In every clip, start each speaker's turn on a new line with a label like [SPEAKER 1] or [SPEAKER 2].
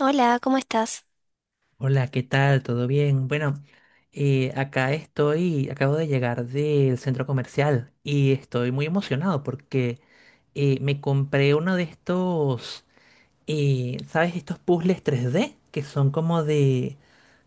[SPEAKER 1] Hola, ¿cómo estás?
[SPEAKER 2] Hola, ¿qué tal? ¿Todo bien? Bueno, acá estoy, acabo de llegar del centro comercial y estoy muy emocionado porque me compré uno de estos, ¿sabes? Estos puzzles 3D que son como de,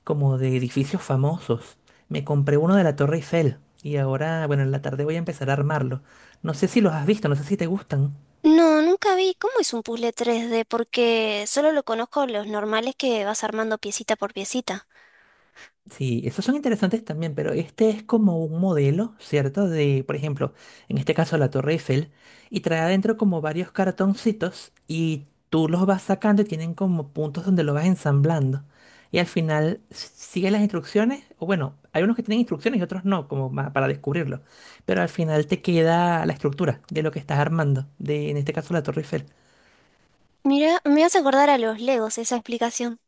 [SPEAKER 2] como de edificios famosos. Me compré uno de la Torre Eiffel y ahora, bueno, en la tarde voy a empezar a armarlo. No sé si los has visto, no sé si te gustan.
[SPEAKER 1] No, nunca vi cómo es un puzzle 3D porque solo lo conozco los normales que vas armando piecita por piecita.
[SPEAKER 2] Sí, esos son interesantes también, pero este es como un modelo, ¿cierto? De, por ejemplo, en este caso la Torre Eiffel, y trae adentro como varios cartoncitos y tú los vas sacando y tienen como puntos donde lo vas ensamblando. Y al final sigue las instrucciones, o bueno, hay unos que tienen instrucciones y otros no, como para descubrirlo. Pero al final te queda la estructura de lo que estás armando, de en este caso la Torre Eiffel.
[SPEAKER 1] Mira, me hace acordar a los Legos esa explicación.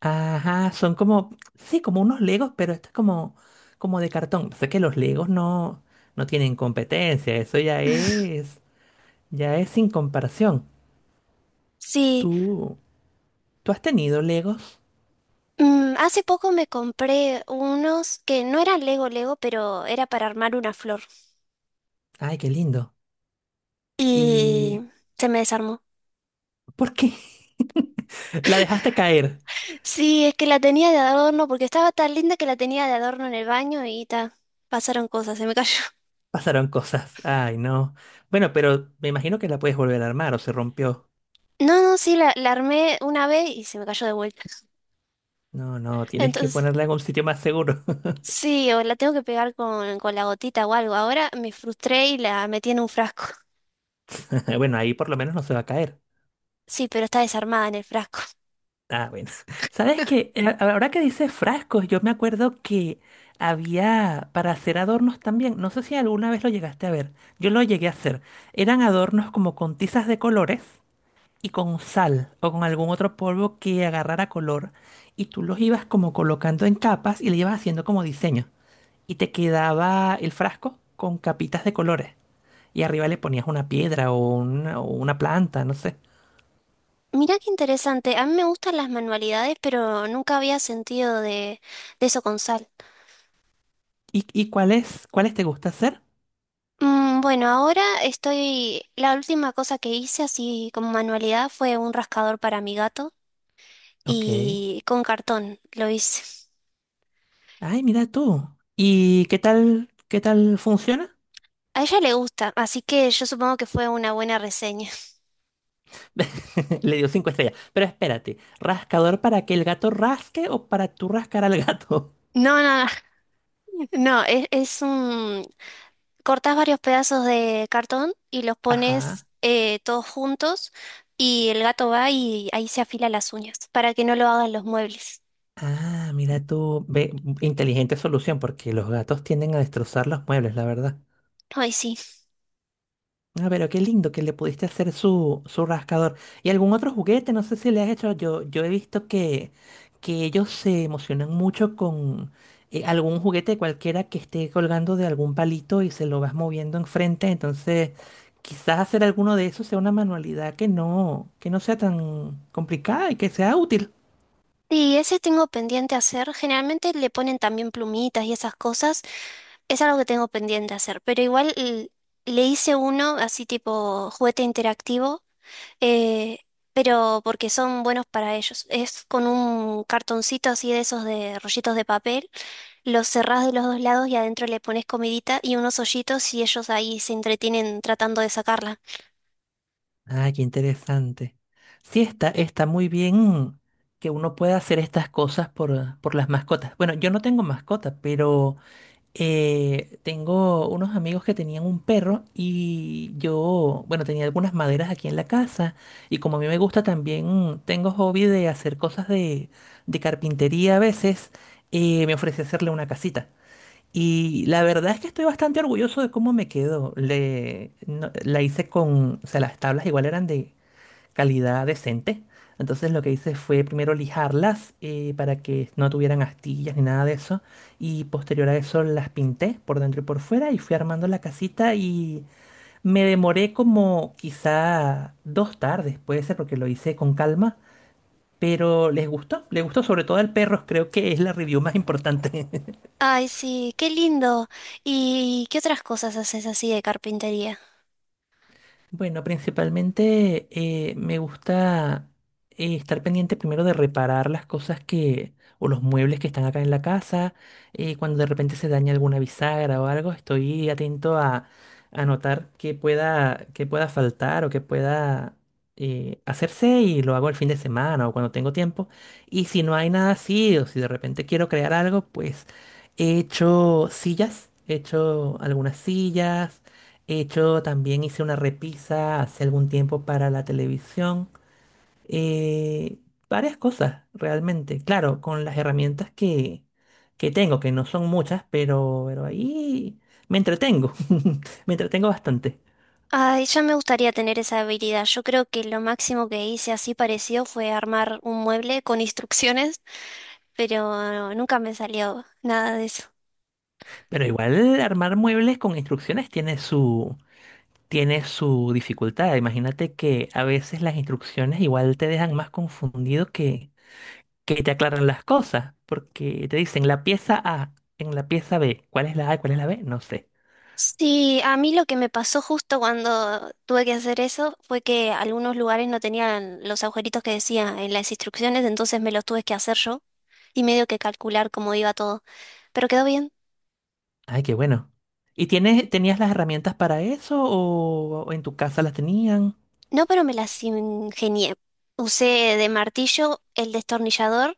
[SPEAKER 2] Ajá, son como, sí, como unos Legos, pero esto es como de cartón. Sé que los Legos no, no tienen competencia, eso ya es sin comparación.
[SPEAKER 1] Sí,
[SPEAKER 2] Tú, tú has tenido Legos.
[SPEAKER 1] mm, hace poco me compré unos que no eran Lego Lego, pero era para armar una flor
[SPEAKER 2] Ay, qué lindo.
[SPEAKER 1] y
[SPEAKER 2] ¿Y
[SPEAKER 1] se me desarmó.
[SPEAKER 2] por qué? La dejaste caer.
[SPEAKER 1] Sí, es que la tenía de adorno porque estaba tan linda que la tenía de adorno en el baño y ta, pasaron cosas, se me cayó.
[SPEAKER 2] Pasaron cosas. Ay, no. Bueno, pero me imagino que la puedes volver a armar o se rompió.
[SPEAKER 1] No, no, sí, la armé una vez y se me cayó de vuelta.
[SPEAKER 2] No, no, tienes que
[SPEAKER 1] Entonces...
[SPEAKER 2] ponerla en un sitio más seguro.
[SPEAKER 1] Sí, o la tengo que pegar con la gotita o algo. Ahora me frustré y la metí en un frasco.
[SPEAKER 2] Bueno, ahí por lo menos no se va a caer.
[SPEAKER 1] Sí, pero está desarmada en el frasco.
[SPEAKER 2] Ah, bueno. ¿Sabes qué? Ahora que dices frascos, yo me acuerdo que había para hacer adornos también. No sé si alguna vez lo llegaste a ver. Yo lo llegué a hacer. Eran adornos como con tizas de colores y con sal o con algún otro polvo que agarrara color. Y tú los ibas como colocando en capas y le ibas haciendo como diseño. Y te quedaba el frasco con capitas de colores. Y arriba le ponías una piedra o una planta, no sé.
[SPEAKER 1] Mirá qué interesante. A mí me gustan las manualidades, pero nunca había sentido de eso con sal.
[SPEAKER 2] ¿Y cuáles te gusta hacer?
[SPEAKER 1] Mm, bueno, ahora estoy... La última cosa que hice así como manualidad fue un rascador para mi gato
[SPEAKER 2] Ok.
[SPEAKER 1] y con cartón lo hice.
[SPEAKER 2] Ay, mira tú. ¿Y qué tal funciona?
[SPEAKER 1] A ella le gusta, así que yo supongo que fue una buena reseña.
[SPEAKER 2] Le dio cinco estrellas. Pero espérate, ¿rascador para que el gato rasque o para tú rascar al gato?
[SPEAKER 1] No, no, no, no, es un cortás varios pedazos de cartón y los pones
[SPEAKER 2] Ajá.
[SPEAKER 1] todos juntos y el gato va y ahí se afila las uñas para que no lo hagan los muebles.
[SPEAKER 2] Ah, mira tú. Ve, inteligente solución, porque los gatos tienden a destrozar los muebles, la verdad.
[SPEAKER 1] Ay, sí.
[SPEAKER 2] Ah, pero qué lindo que le pudiste hacer su rascador. ¿Y algún otro juguete? No sé si le has hecho. Yo he visto que, ellos se emocionan mucho con algún juguete cualquiera que esté colgando de algún palito y se lo vas moviendo enfrente. Entonces, quizás hacer alguno de esos sea una manualidad que no sea tan complicada y que sea útil.
[SPEAKER 1] Y ese tengo pendiente hacer. Generalmente le ponen también plumitas y esas cosas. Es algo que tengo pendiente hacer. Pero igual le hice uno así tipo juguete interactivo. eh, pero porque son buenos para ellos. Es con un cartoncito así de esos de rollitos de papel. Los cerrás de los dos lados y adentro le pones comidita y unos hoyitos y ellos ahí se entretienen tratando de sacarla.
[SPEAKER 2] Ah, qué interesante. Sí, está muy bien que uno pueda hacer estas cosas por las mascotas. Bueno, yo no tengo mascotas, pero. Tengo unos amigos que tenían un perro y yo, bueno, tenía algunas maderas aquí en la casa y como a mí me gusta también, tengo hobby de hacer cosas de carpintería a veces, me ofrecí hacerle una casita. Y la verdad es que estoy bastante orgulloso de cómo me quedó. Le, no- la hice con, o sea, las tablas igual eran de calidad decente. Entonces lo que hice fue primero lijarlas para que no tuvieran astillas ni nada de eso. Y posterior a eso las pinté por dentro y por fuera y fui armando la casita y me demoré como quizá 2 tardes, puede ser porque lo hice con calma. Pero les gustó sobre todo al perro, creo que es la review más importante.
[SPEAKER 1] Ay, sí, qué lindo. ¿Y qué otras cosas haces así de carpintería?
[SPEAKER 2] Bueno, principalmente me gusta estar pendiente primero de reparar las cosas que, o los muebles que están acá en la casa. Cuando de repente se daña alguna bisagra o algo, estoy atento a notar qué pueda faltar o qué pueda hacerse y lo hago el fin de semana o cuando tengo tiempo. Y si no hay nada así, o si de repente quiero crear algo, pues he hecho sillas, he hecho algunas sillas. He hecho, también hice una repisa hace algún tiempo para la televisión. eh, Varias cosas, realmente. Claro, con las herramientas que, tengo, que no son muchas, pero ahí me entretengo. Me entretengo bastante.
[SPEAKER 1] Ay, ya me gustaría tener esa habilidad. Yo creo que lo máximo que hice así parecido fue armar un mueble con instrucciones, pero nunca me salió nada de eso.
[SPEAKER 2] Pero igual armar muebles con instrucciones tiene su dificultad. Imagínate que a veces las instrucciones igual te dejan más confundido que, te aclaran las cosas, porque te dicen la pieza A, en la pieza B, ¿cuál es la A, cuál es la B? No sé.
[SPEAKER 1] Sí, a mí lo que me pasó justo cuando tuve que hacer eso fue que algunos lugares no tenían los agujeritos que decía en las instrucciones, entonces me los tuve que hacer yo y medio que calcular cómo iba todo. Pero quedó bien.
[SPEAKER 2] Ay, qué bueno. ¿Y tienes, tenías las herramientas para eso o en tu casa las tenían?
[SPEAKER 1] No, pero me las ingenié. Usé de martillo el destornillador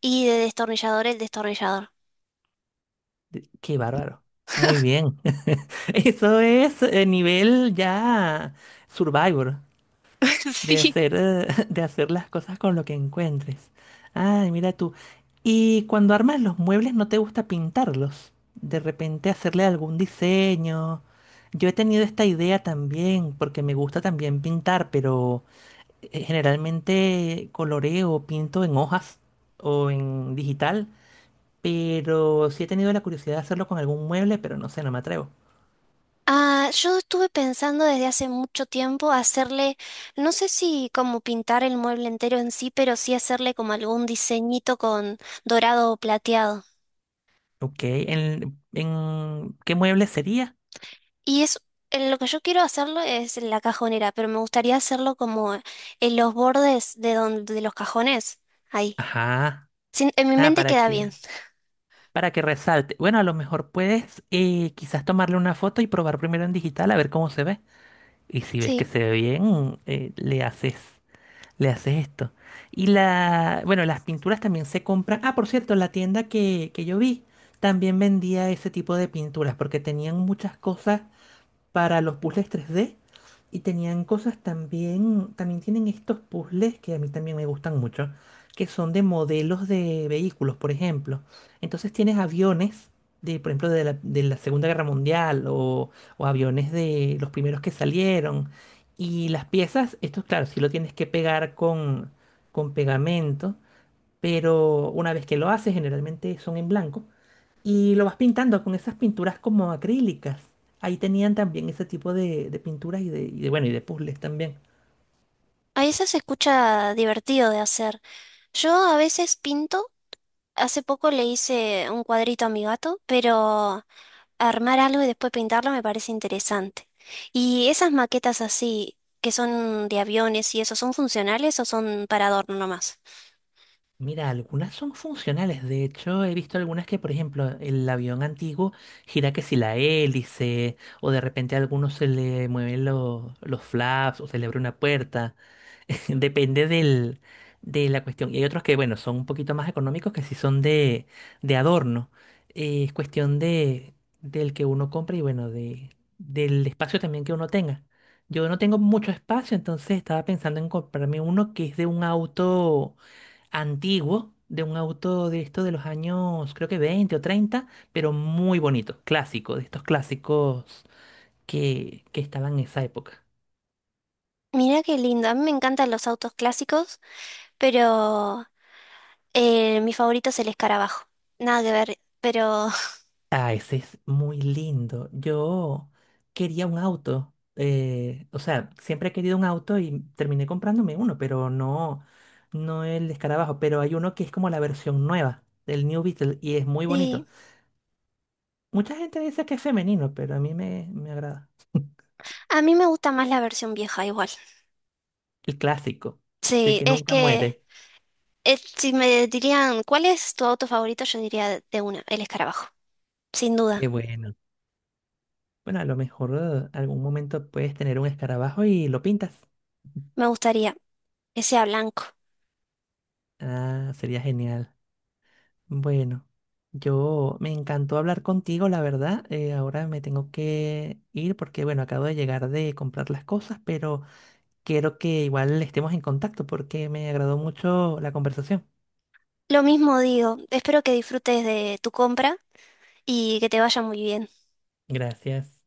[SPEAKER 1] y de destornillador el destornillador.
[SPEAKER 2] Qué bárbaro. Muy bien. Eso es nivel ya Survivor. De
[SPEAKER 1] Sí.
[SPEAKER 2] hacer, de hacer las cosas con lo que encuentres. Ay, mira tú. Y cuando armas los muebles, ¿no te gusta pintarlos? De repente hacerle algún diseño. Yo he tenido esta idea también, porque me gusta también pintar, pero generalmente coloreo, pinto en hojas o en digital. Pero sí he tenido la curiosidad de hacerlo con algún mueble, pero no sé, no me atrevo.
[SPEAKER 1] Ah, yo estuve pensando desde hace mucho tiempo hacerle, no sé si como pintar el mueble entero en sí, pero sí hacerle como algún diseñito con dorado o plateado.
[SPEAKER 2] Ok, ¿en qué mueble sería?
[SPEAKER 1] Y es lo que yo quiero hacerlo es la cajonera, pero me gustaría hacerlo como en los bordes de donde de los cajones, ahí.
[SPEAKER 2] Ajá.
[SPEAKER 1] En mi
[SPEAKER 2] Ah,
[SPEAKER 1] mente
[SPEAKER 2] ¿Para
[SPEAKER 1] queda
[SPEAKER 2] qué?
[SPEAKER 1] bien.
[SPEAKER 2] Para que resalte. Bueno, a lo mejor puedes quizás tomarle una foto y probar primero en digital a ver cómo se ve. Y si ves que
[SPEAKER 1] Sí,
[SPEAKER 2] se ve bien, le haces esto. Y la, bueno, las pinturas también se compran. Ah, por cierto, la tienda que, yo vi también vendía ese tipo de pinturas porque tenían muchas cosas para los puzzles 3D y tenían cosas también, también tienen estos puzzles que a mí también me gustan mucho, que son de modelos de vehículos, por ejemplo. Entonces tienes aviones de, por ejemplo, de la Segunda Guerra Mundial o, aviones de los primeros que salieron. Y las piezas, esto claro, sí lo tienes que pegar con pegamento, pero una vez que lo haces, generalmente son en blanco. Y lo vas pintando con esas pinturas como acrílicas. Ahí tenían también ese tipo de pinturas y de, bueno, y de puzzles también.
[SPEAKER 1] a eso se escucha divertido de hacer. Yo a veces pinto. Hace poco le hice un cuadrito a mi gato, pero armar algo y después pintarlo me parece interesante. ¿Y esas maquetas así, que son de aviones y eso, son funcionales o son para adorno nomás?
[SPEAKER 2] Mira, algunas son funcionales. De hecho, he visto algunas que, por ejemplo, el avión antiguo gira que si la hélice, o de repente a algunos se le mueven los flaps, o se le abre una puerta. Depende del, de la cuestión. Y hay otros que, bueno, son un poquito más económicos que sí son de, adorno. Es cuestión de, del que uno compre y, bueno, de, del espacio también que uno tenga. Yo no tengo mucho espacio, entonces estaba pensando en comprarme uno que es de un auto antiguo, de un auto de esto de los años, creo que 20 o 30 pero muy bonito, clásico, de estos clásicos que estaban en esa época.
[SPEAKER 1] Mirá qué lindo, a mí me encantan los autos clásicos, pero mi favorito es el escarabajo. Nada que ver, pero
[SPEAKER 2] Ah, ese es muy lindo. Yo quería un auto. O sea, siempre he querido un auto y terminé comprándome uno, pero no, no el escarabajo. Pero hay uno que es como la versión nueva del New Beetle y es muy
[SPEAKER 1] sí,
[SPEAKER 2] bonito. Mucha gente dice que es femenino, pero a mí me agrada.
[SPEAKER 1] a mí me gusta más la versión vieja igual.
[SPEAKER 2] El clásico, el
[SPEAKER 1] Sí,
[SPEAKER 2] que
[SPEAKER 1] es
[SPEAKER 2] nunca
[SPEAKER 1] que
[SPEAKER 2] muere.
[SPEAKER 1] si me dirían, ¿cuál es tu auto favorito? Yo diría de una, el escarabajo, sin
[SPEAKER 2] Qué
[SPEAKER 1] duda.
[SPEAKER 2] bueno. Bueno, a lo mejor algún momento puedes tener un escarabajo y lo pintas.
[SPEAKER 1] Me gustaría que sea blanco.
[SPEAKER 2] Ah, sería genial. Bueno, yo me encantó hablar contigo, la verdad. Ahora me tengo que ir porque, bueno, acabo de llegar de comprar las cosas, pero quiero que igual estemos en contacto porque me agradó mucho la conversación.
[SPEAKER 1] Lo mismo digo, espero que disfrutes de tu compra y que te vaya muy bien.
[SPEAKER 2] Gracias.